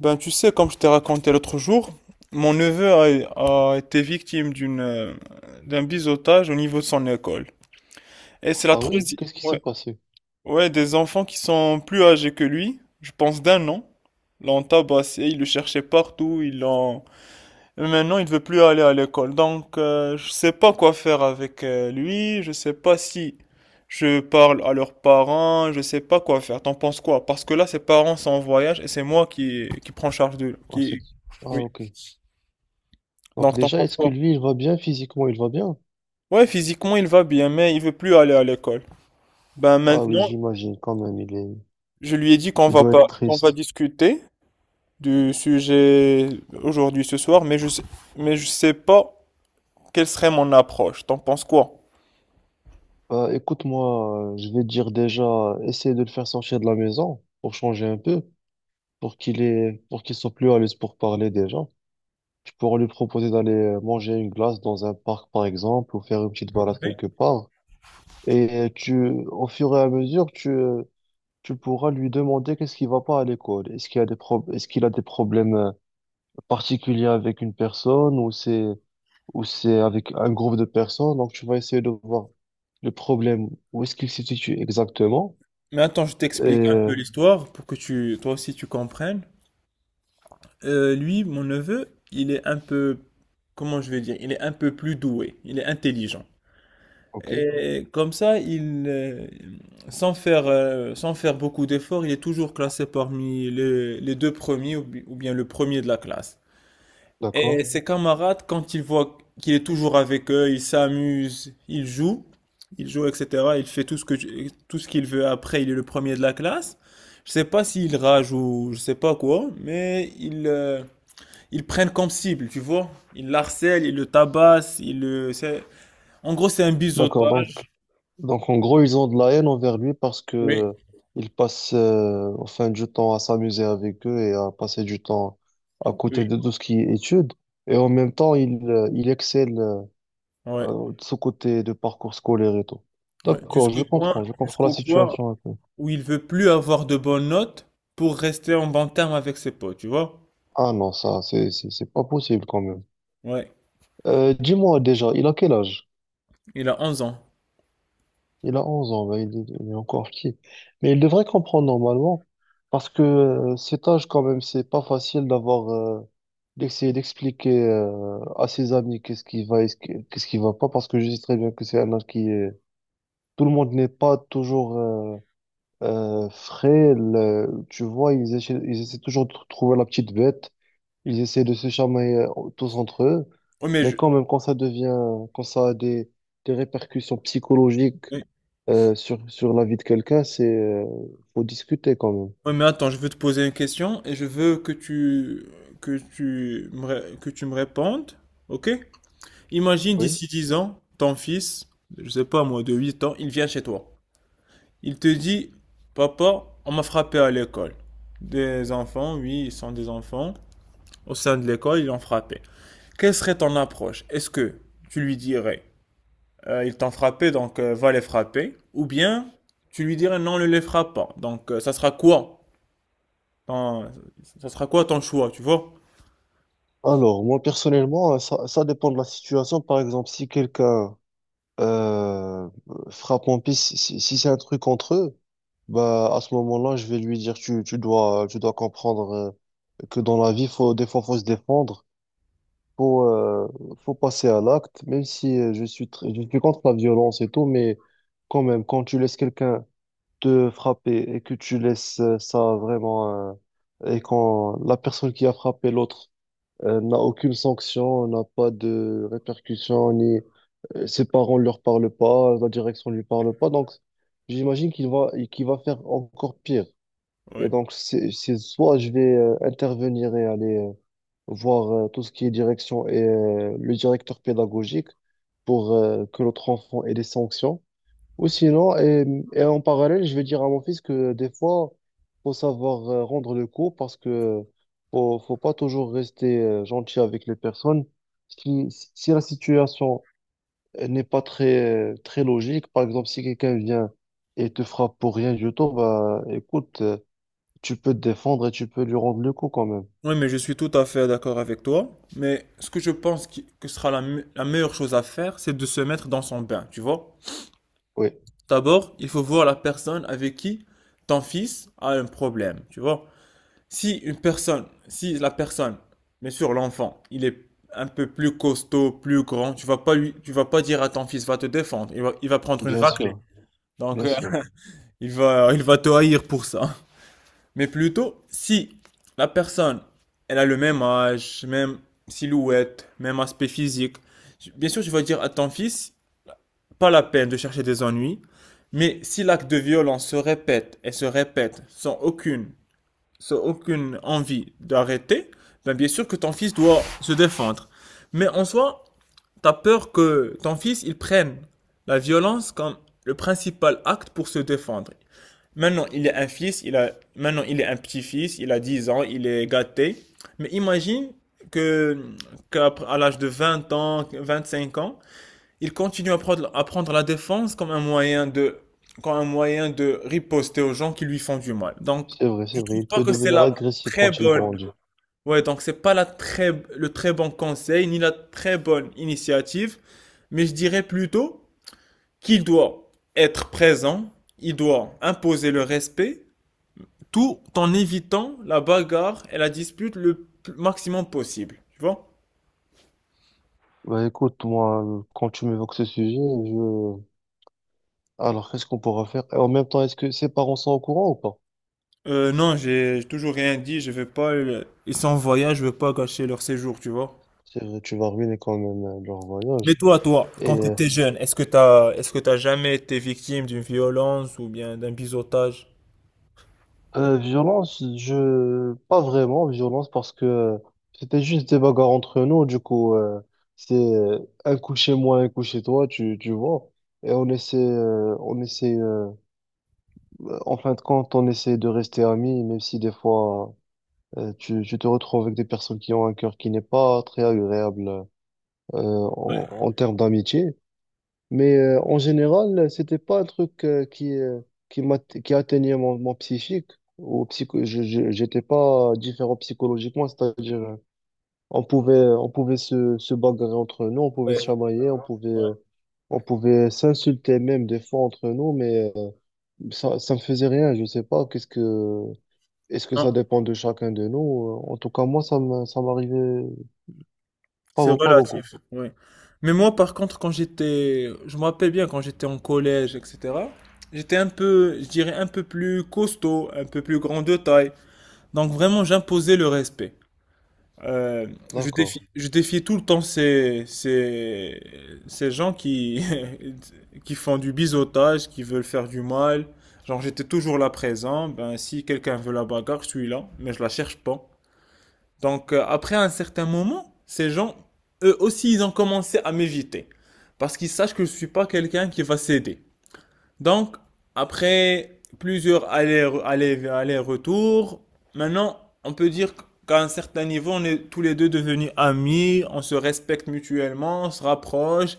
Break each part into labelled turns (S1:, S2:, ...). S1: Ben, tu sais, comme je t'ai raconté l'autre jour, mon neveu a été victime d'une, d'un biseautage au niveau de son école. Et c'est la
S2: Ah oui?
S1: troisième.
S2: Qu'est-ce qui s'est
S1: Ouais,
S2: passé?
S1: ouais, des enfants qui sont plus âgés que lui, je pense d'un an, l'ont tabassé, ils le cherchaient partout, ils l'ont. Maintenant, il ne veut plus aller à l'école, donc je ne sais pas quoi faire avec lui, je ne sais pas si je parle à leurs parents, je ne sais pas quoi faire. T'en penses quoi? Parce que là, ses parents sont en voyage et c'est moi qui prends charge de
S2: Ah, c'est-
S1: qui. Oui.
S2: ok. Donc
S1: Donc t'en
S2: déjà,
S1: penses
S2: est-ce que
S1: quoi?
S2: lui, il va bien physiquement? Il va bien?
S1: Ouais, physiquement il va bien, mais il veut plus aller à l'école. Ben
S2: Ah oui,
S1: maintenant,
S2: j'imagine quand même, il est...
S1: je lui ai dit qu'on
S2: il
S1: va
S2: doit être
S1: pas, qu'on va
S2: triste.
S1: discuter du sujet aujourd'hui ce soir, mais je sais pas quelle serait mon approche. T'en penses quoi?
S2: Bah, écoute-moi, je vais te dire déjà, essaye de le faire sortir de la maison pour changer un peu, pour qu'il ait... pour qu'il soit plus à l'aise pour parler déjà. Tu pourras lui proposer d'aller manger une glace dans un parc, par exemple, ou faire une petite balade quelque part. Et au fur et à mesure, tu pourras lui demander qu'est-ce qui va pas à l'école. Est-ce qu'il a des problèmes particulier avec une personne ou c'est avec un groupe de personnes. Donc, tu vas essayer de voir le problème, où est-ce qu'il se situe exactement.
S1: Mais attends, je
S2: Et,
S1: t'explique un
S2: euh,
S1: peu l'histoire pour que tu, toi aussi tu comprennes. Lui, mon neveu, il est un peu, comment je vais dire, il est un peu plus doué, il est intelligent.
S2: ok,
S1: Et comme ça, il, sans faire, sans faire beaucoup d'efforts, il est toujours classé parmi les deux premiers ou bi- ou bien le premier de la classe. Et
S2: d'accord.
S1: ses camarades, quand ils voient qu'il est toujours avec eux, ils s'amusent, ils jouent, etc. Il fait tout ce que, tu- tout ce qu'il veut. Après, il est le premier de la classe. Je sais pas s'il rage ou je sais pas quoi, mais ils, ils prennent comme cible, tu vois. Ils l'harcèlent, ils le tabassent, ils le, c'est- en gros, c'est un
S2: D'accord,
S1: biseautage.
S2: donc en gros, ils ont de la haine envers lui parce que
S1: Oui,
S2: il passe enfin du temps à s'amuser avec eux et à passer du temps à côté
S1: oui.
S2: de tout ce qui est études. Et en même temps, il excelle
S1: Ouais,
S2: de ce côté de parcours scolaire et tout.
S1: ouais.
S2: D'accord, je comprends la
S1: Jusqu'au point
S2: situation. Un peu.
S1: où il veut plus avoir de bonnes notes pour rester en bon terme avec ses potes, tu vois.
S2: Ah non, ça, c'est pas possible quand même.
S1: Ouais.
S2: Dis-moi déjà, il a quel âge?
S1: Il a 11 ans.
S2: Il a 11 ans, ben, il est encore petit. Mais il devrait comprendre normalement, parce que cet âge quand même, c'est pas facile d'avoir, d'essayer d'expliquer à ses amis qu'est-ce qui va et qu'est-ce qui va pas, parce que je sais très bien que c'est un âge qui est... Tout le monde n'est pas toujours frais, tu vois, ils essaient toujours de trouver la petite bête. Ils essaient de se chamailler tous entre eux,
S1: Oui, mais
S2: mais
S1: je-
S2: quand même, quand ça a des répercussions psychologiques
S1: oui.
S2: sur, sur la vie de quelqu'un, faut discuter quand même.
S1: Oui, mais attends, je veux te poser une question et je veux que tu me, ré- que tu me répondes, ok? Imagine
S2: Oui.
S1: d'ici 10 ans, ton fils, je sais pas moi, de 8 ans, il vient chez toi. Il te dit, papa, on m'a frappé à l'école. Des enfants, oui, ils sont des enfants. Au sein de l'école, ils l'ont frappé. Quelle serait ton approche? Est-ce que tu lui dirais, ils t'ont frappé, donc va les frapper? Ou bien tu lui dirais, non, ne les frappe pas. Donc ça sera quoi? Ton- ça sera quoi ton choix, tu vois?
S2: Alors, moi, personnellement, ça, ça dépend de la situation. Par exemple, si quelqu'un euh, frappe mon piste, si c'est un truc entre eux, bah, à ce moment-là, je vais lui dire, tu dois comprendre que dans la vie, faut, des fois, faut se défendre. faut, euh, faut passer à l'acte, même si je suis, je suis contre la violence et tout, mais quand même, quand tu laisses quelqu'un te frapper et que tu laisses ça vraiment, et quand la personne qui a frappé l'autre n'a aucune sanction, n'a pas de répercussions, ni ses parents ne leur parlent pas, la direction ne lui parle pas, donc j'imagine qu'il va faire encore pire. Et
S1: Ouais.
S2: donc, c'est soit je vais intervenir et aller. Voir tout ce qui est direction et le directeur pédagogique pour que notre enfant ait des sanctions. Ou sinon, et en parallèle, je vais dire à mon fils que des fois, faut savoir rendre le cours parce que faut pas toujours rester gentil avec les personnes. Si, si la situation n'est pas très, très logique, par exemple, si quelqu'un vient et te frappe pour rien du tout, bah, écoute, tu peux te défendre et tu peux lui rendre le coup quand même.
S1: Oui, mais je suis tout à fait d'accord avec toi. Mais ce que je pense qui- que sera la, me- la meilleure chose à faire, c'est de se mettre dans son bain, tu vois?
S2: Oui,
S1: D'abord, il faut voir la personne avec qui ton fils a un problème, tu vois? Si une personne, si la personne, bien sûr l'enfant, il est un peu plus costaud, plus grand, tu vas pas lui, tu vas pas dire à ton fils, va te défendre, il va prendre une
S2: bien
S1: raclée.
S2: sûr,
S1: Donc,
S2: bien sûr.
S1: il va te haïr pour ça. Mais plutôt, si la personne, elle a le même âge, même silhouette, même aspect physique, bien sûr, tu vas dire à ton fils, pas la peine de chercher des ennuis, mais si l'acte de violence se répète et se répète sans aucune, sans aucune envie d'arrêter, ben bien sûr que ton fils doit se défendre. Mais en soi, t'as peur que ton fils, il prenne la violence comme le principal acte pour se défendre. Maintenant, il est un fils, il a, maintenant, il est un petit-fils, il a 10 ans, il est gâté. Mais imagine que, qu'à l'âge de 20 ans, 25 ans, il continue à prendre la défense comme un moyen de, comme un moyen de riposter aux gens qui lui font du mal. Donc,
S2: C'est vrai, c'est
S1: je
S2: vrai.
S1: trouve
S2: Il
S1: pas
S2: peut
S1: que c'est
S2: devenir
S1: la
S2: agressif
S1: très
S2: quand il
S1: bonne,
S2: grandit.
S1: ouais, donc c'est pas la très, le très bon conseil, ni la très bonne initiative, mais je dirais plutôt qu'il doit être présent, il doit imposer le respect, tout en évitant la bagarre et la dispute le maximum possible, tu vois?
S2: Bah écoute, moi, quand tu m'évoques ce sujet, je... Alors, qu'est-ce qu'on pourra faire? Et en même temps, est-ce que ses parents sont au courant ou pas?
S1: Non, j'ai toujours rien dit, je veux pas, le- ils sont en voyage, je veux pas gâcher leur séjour, tu vois?
S2: C'est vrai, tu vas ruiner quand même leur
S1: Mais
S2: voyage.
S1: toi, toi,
S2: Et
S1: quand tu
S2: euh,
S1: étais jeune, est-ce que t'as jamais été victime d'une violence ou bien d'un biseautage?
S2: Violence, je... Pas vraiment violence parce que c'était juste des bagarres entre nous. Du coup, c'est un coup chez moi, un coup chez toi, tu vois. Et on essaie, en fin de compte, on essaie de rester amis, même si des fois... Tu, tu te retrouves avec des personnes qui ont un cœur qui n'est pas très agréable en, en termes d'amitié. Mais en général, c'était pas un truc qui m'a, qui atteignait mon, mon psychique. Ou psycho, j'étais pas différent psychologiquement, c'est-à-dire on pouvait se bagarrer entre nous, on pouvait
S1: Ouais,
S2: se chamailler,
S1: ouais.
S2: on pouvait s'insulter même des fois entre nous, mais ça me faisait rien. Je sais pas, qu'est-ce que est-ce que ça
S1: Non,
S2: dépend de chacun de nous? En tout cas, moi, ça m'arrivait pas,
S1: c'est
S2: pas beaucoup.
S1: relatif, oui. Mais moi, par contre, quand j'étais, je me rappelle bien quand j'étais en collège, etc., j'étais un peu, je dirais un peu plus costaud, un peu plus grand de taille. Donc vraiment, j'imposais le respect. Euh, je défiais,
S2: D'accord,
S1: je défiais tout le temps ces, ces, ces gens qui, qui font du biseautage, qui veulent faire du mal. Genre, j'étais toujours là présent. Ben, si quelqu'un veut la bagarre, je suis là, mais je la cherche pas. Donc, après un certain moment, ces gens, eux aussi, ils ont commencé à m'éviter. Parce qu'ils sachent que je suis pas quelqu'un qui va céder. Donc, après plusieurs allers- allers- allers-retours, maintenant, on peut dire qu'à un certain niveau, on est tous les deux devenus amis, on se respecte mutuellement, on se rapproche,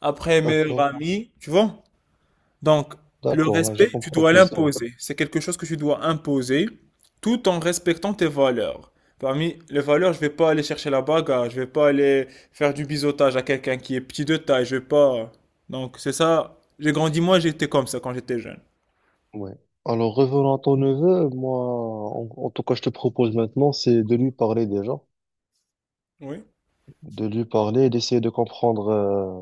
S1: après meilleurs
S2: d'accord,
S1: amis, tu vois? Donc, le
S2: d'accord, là, je
S1: respect, tu
S2: comprends
S1: dois
S2: l'histoire.
S1: l'imposer. C'est quelque chose que tu dois imposer tout en respectant tes valeurs. Parmi les valeurs, je vais pas aller chercher la bagarre, je vais pas aller faire du biseautage à quelqu'un qui est petit de taille, je vais pas. Donc, c'est ça. J'ai grandi, moi, j'étais comme ça quand j'étais jeune.
S2: Ouais. Alors, revenons à ton neveu, moi, en, en tout cas, je te propose maintenant, c'est de lui parler déjà,
S1: Oui.
S2: de lui parler et d'essayer de comprendre. euh,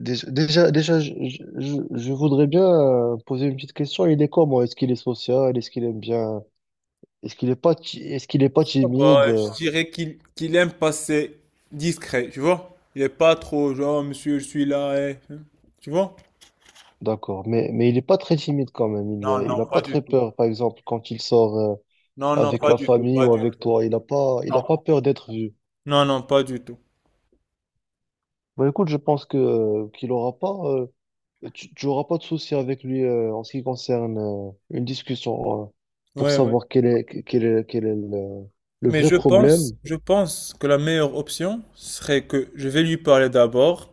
S2: dé- Déjà, déjà, je voudrais bien poser une petite question. Il est comment? Est-ce qu'il est social? Est-ce qu'il aime bien? Est-ce qu'il est pas
S1: Ça
S2: timide?
S1: va, je dirais qu'il aime passer discret, tu vois? Il est pas trop genre, monsieur, je suis là, eh. Tu vois?
S2: D'accord, mais il n'est pas très timide quand même.
S1: Non,
S2: Il n'a
S1: non,
S2: pas
S1: pas du
S2: très
S1: tout.
S2: peur, par exemple, quand il sort
S1: Non, non,
S2: avec
S1: pas
S2: la
S1: du tout,
S2: famille
S1: pas
S2: ou
S1: du
S2: avec
S1: tout.
S2: toi. Il a pas peur d'être vu.
S1: Non, non, pas du tout.
S2: Bah, écoute, je pense que qu'il aura pas, tu tu auras pas de souci avec lui en ce qui concerne une discussion pour
S1: Ouais, ouais.
S2: savoir quel est le
S1: Mais
S2: vrai problème.
S1: je pense que la meilleure option serait que je vais lui parler d'abord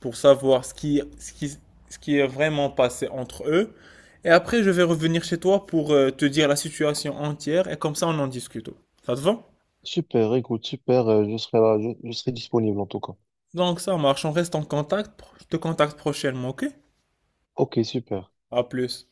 S1: pour savoir ce qui, ce qui, ce qui est vraiment passé entre eux. Et après, je vais revenir chez toi pour te dire la situation entière et comme ça, on en discute. Ça te va?
S2: Super, écoute, super. Je serai là, je serai disponible en tout cas.
S1: Donc, ça marche, on reste en contact. Je te contacte prochainement, ok?
S2: Ok, super.
S1: À plus.